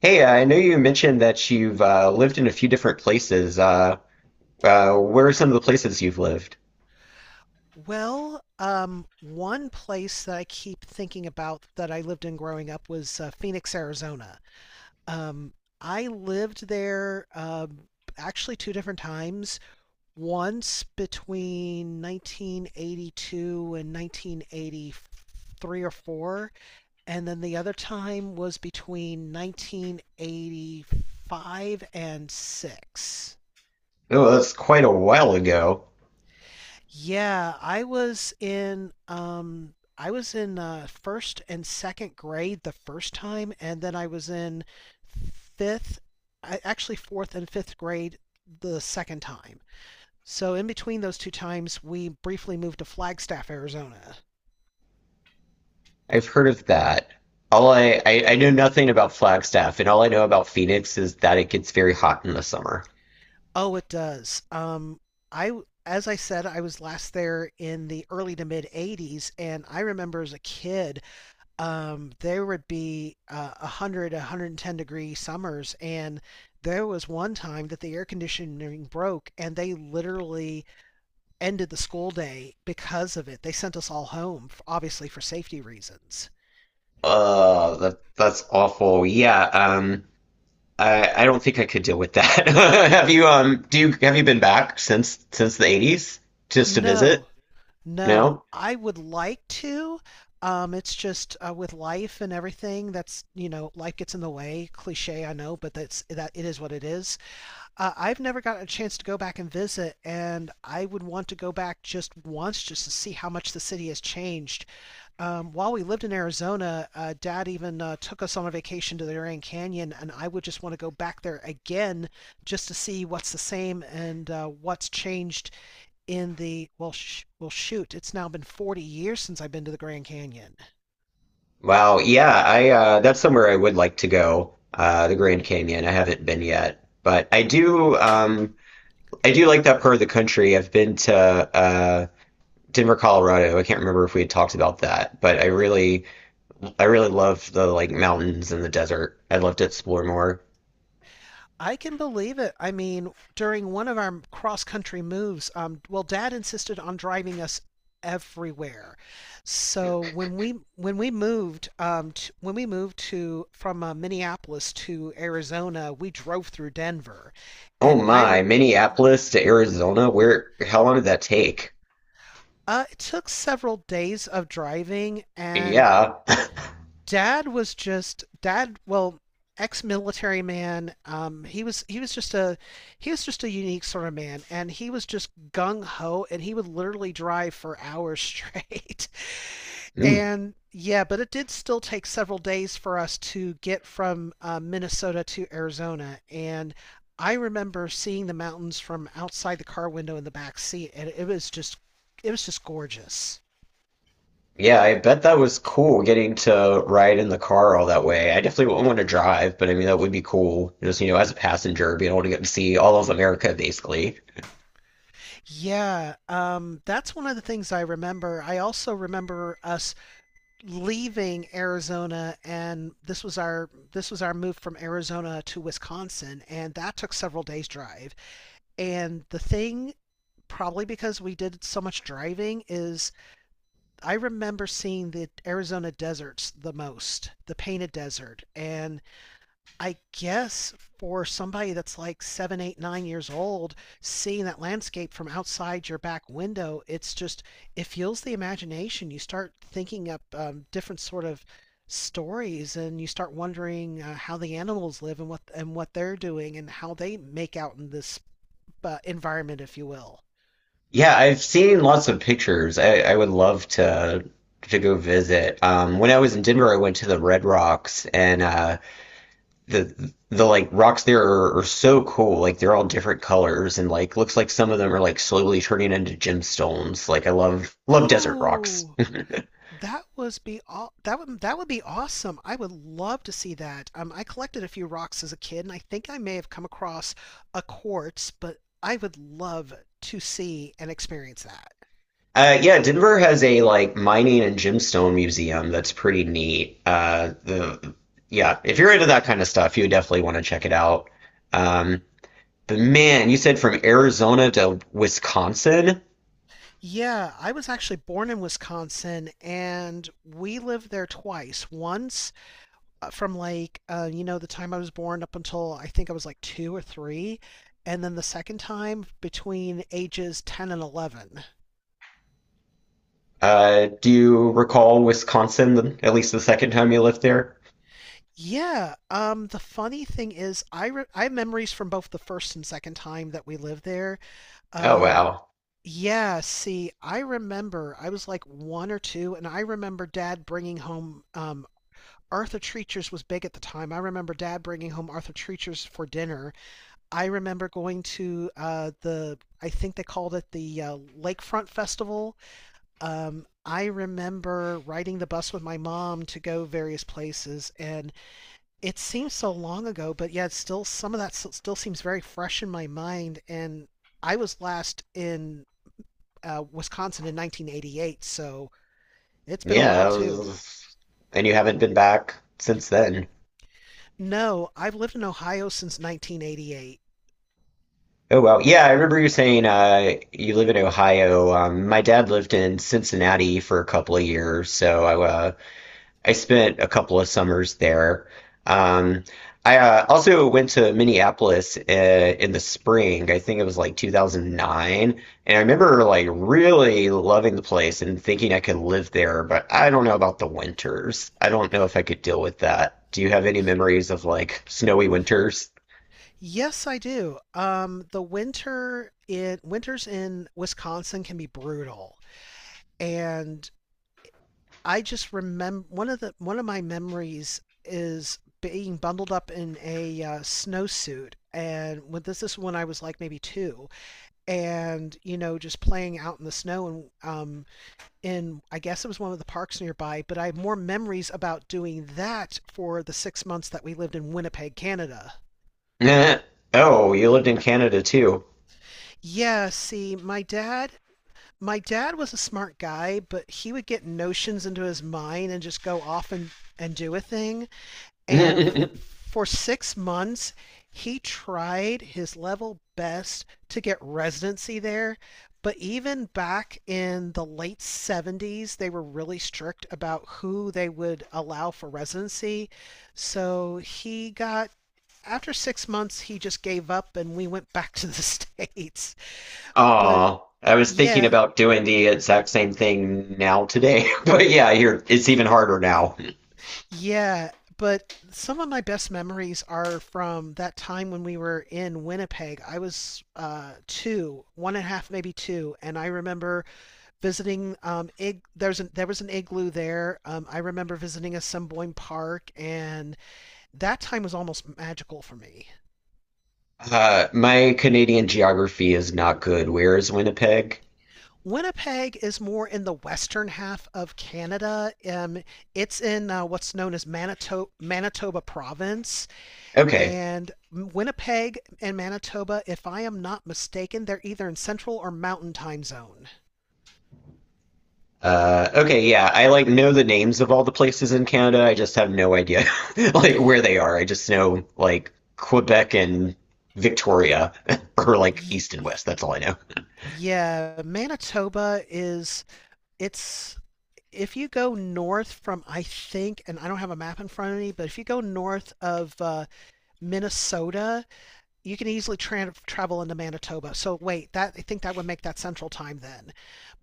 Hey, I know you mentioned that you've lived in a few different places. Where are some of the places you've lived? Well, one place that I keep thinking about that I lived in growing up was Phoenix, Arizona. Um, I lived there actually two different times. Once between 1982 and 1983 or 4, and then the other time was between 1985 and 6. Oh, that's quite a while ago. Yeah, I was in first and second grade the first time and then I was in fifth I actually fourth and fifth grade the second time. So in between those two times we briefly moved to Flagstaff, Arizona. I've heard of that. I know nothing about Flagstaff, and all I know about Phoenix is that it gets very hot in the summer. Oh, it does. As I said, I was last there in the early to mid 80s and I remember as a kid there would be 100, 110-degree summers. And there was one time that the air conditioning broke and they literally ended the school day because of it. They sent us all home, obviously for safety reasons. Oh, that's awful. Yeah, I don't think I could deal with that. Have you do you have you been back since the 80s just to visit? No, no, No? I would like to. It's just with life and everything life gets in the way. Cliche, I know, but that's that it is what it is. I've never gotten a chance to go back and visit, and I would want to go back just once just to see how much the city has changed. While we lived in Arizona, Dad even took us on a vacation to the Grand Canyon, and I would just want to go back there again just to see what's the same and what's changed in the, well, sh- well, shoot, it's now been 40 years since I've been to the Grand Canyon. Wow, yeah, I that's somewhere I would like to go, the Grand Canyon. I haven't been yet, but I do like that part of the country. I've been to Denver, Colorado. I can't remember if we had talked about that, but I really love the like mountains and the desert. I'd love to explore more. I can believe it. I mean, during one of our cross country moves, well, Dad insisted on driving us everywhere. So when we moved when we moved to from Minneapolis to Arizona, we drove through Denver, Oh and I my, rem Minneapolis to Arizona, where how long did that take? It took several days of driving, and Yeah. dad was just dad. Well, ex-military man. He was just a unique sort of man, and he was just gung ho, and he would literally drive for hours straight. Hmm. And yeah, but it did still take several days for us to get from Minnesota to Arizona, and I remember seeing the mountains from outside the car window in the back seat, and it was just gorgeous. Yeah, I bet that was cool getting to ride in the car all that way. I definitely wouldn't want to drive, but I mean that would be cool. Just, you know, as a passenger, being able to get to see all of America basically. Yeah, that's one of the things I remember. I also remember us leaving Arizona, and this was our move from Arizona to Wisconsin, and that took several days drive. And the thing, probably because we did so much driving, is I remember seeing the Arizona deserts the most, the painted desert, and I guess for somebody that's like seven, eight, 9 years old, seeing that landscape from outside your back window, it's just, it fuels the imagination. You start thinking up different sort of stories and you start wondering how the animals live and what they're doing and how they make out in this environment, if you will. Yeah, I've seen lots of pictures. I would love to go visit. When I was in Denver, I went to the Red Rocks and the like rocks there are so cool. Like they're all different colors and like looks like some of them are like slowly turning into gemstones. Like I love love desert rocks. Oh, That was be all that would be awesome. I would love to see that. I collected a few rocks as a kid, and I think I may have come across a quartz, but I would love to see and experience that. Yeah, Denver has a like mining and gemstone museum that's pretty neat. If you're into that kind of stuff, you definitely want to check it out. Um, but man, you said from Arizona to Wisconsin. Yeah, I was actually born in Wisconsin, and we lived there twice. Once from like the time I was born up until I think I was like two or three, and then the second time between ages 10 and 11. Do you recall Wisconsin, at least the second time you lived there? Yeah. The funny thing is, I have memories from both the first and second time that we lived there. Oh Um, wow. yeah. See, I remember I was like one or two, and I remember Dad bringing home Arthur Treacher's was big at the time. I remember Dad bringing home Arthur Treacher's for dinner. I remember going to the I think they called it the Lakefront Festival. I remember riding the bus with my mom to go various places, and it seems so long ago, but yeah, it's still some of that still seems very fresh in my mind. And I was last in Wisconsin in 1988, so it's been a Yeah, while that too. was, and you haven't been back since then. No, I've lived in Ohio since 1988. Oh well, yeah, I remember you saying you live in Ohio. My dad lived in Cincinnati for a couple of years, so I spent a couple of summers there. Um, I Also went to Minneapolis in the spring. I think it was like 2009, and I remember like really loving the place and thinking I could live there, but I don't know about the winters. I don't know if I could deal with that. Do you have any memories of like snowy winters? Yes, I do. The winters in Wisconsin can be brutal, and I just remember one of my memories is being bundled up in a snowsuit and when this is when I was like maybe two, and you know just playing out in the snow and um in I guess it was one of the parks nearby, but I have more memories about doing that for the 6 months that we lived in Winnipeg, Canada. Eh, oh, you lived in Canada too. Yeah, see, my dad was a smart guy, but he would get notions into his mind and just go off and do a thing. And for 6 months, he tried his level best to get residency there. But even back in the late 70s, they were really strict about who they would allow for residency. So he got, after 6 months, he just gave up and we went back to the States. But Oh, I was thinking yeah, about doing the exact same thing now today, but yeah, here it's even harder now. Yeah, but some of my best memories are from that time when we were in Winnipeg. I was one and a half, maybe two, and I remember visiting there was an igloo there. I remember visiting Assiniboine Park, and that time was almost magical for me. My Canadian geography is not good. Where is Winnipeg? Winnipeg is more in the western half of Canada. It's in what's known as Manitoba Province. Okay. And Winnipeg and Manitoba, if I am not mistaken, they're either in Central or Mountain Time Zone. Okay, yeah. I like know the names of all the places in Canada. I just have no idea like where they are. I just know like Quebec and Victoria or like Y- east and west. That's all I know. yeah, Manitoba is it's if you go north from I think, and I don't have a map in front of me, but if you go north of Minnesota, you can easily travel into Manitoba. So wait, that I think that would make that Central Time then.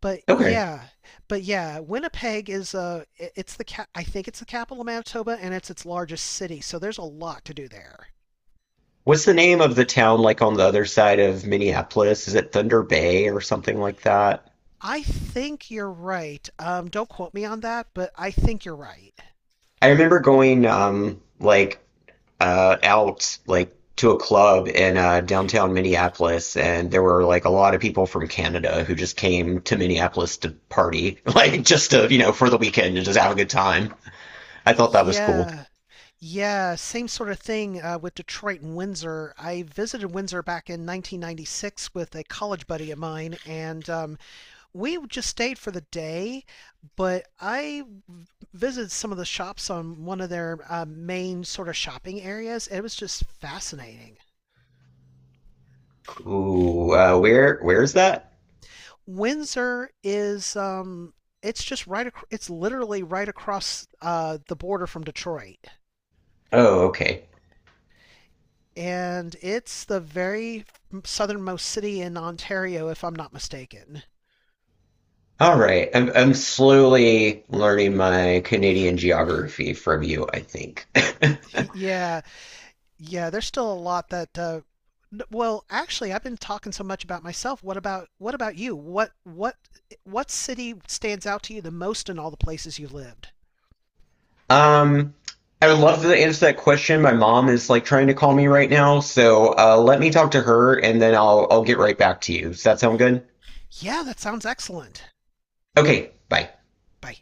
But Okay. yeah, but yeah, Winnipeg is I think it's the capital of Manitoba and it's its largest city, so there's a lot to do there. What's the name of the town like on the other side of Minneapolis? Is it Thunder Bay or something like that? I think you're right. Don't quote me on that, but I think you're right. I remember going like out like to a club in downtown Minneapolis and there were like a lot of people from Canada who just came to Minneapolis to party, like just to, you know, for the weekend and just have a good time. I thought that was cool. Yeah. Yeah, same sort of thing with Detroit and Windsor. I visited Windsor back in 1996 with a college buddy of mine, and we just stayed for the day, but I visited some of the shops on one of their main sort of shopping areas. It was just fascinating. Cool. Where's that? Windsor is it's just right. It's literally right across the border from Detroit, Oh, okay. and it's the very southernmost city in Ontario, if I'm not mistaken. All right. I'm slowly learning my Canadian geography from you, I think. Y- Yeah, Yeah, there's still a lot that well, actually, I've been talking so much about myself. What about you? What city stands out to you the most in all the places you lived? Um, I would love to answer that question. My mom is like trying to call me right now, so let me talk to her and then I'll get right back to you. Does that sound good? Yeah, that sounds excellent. Okay, bye. Bye.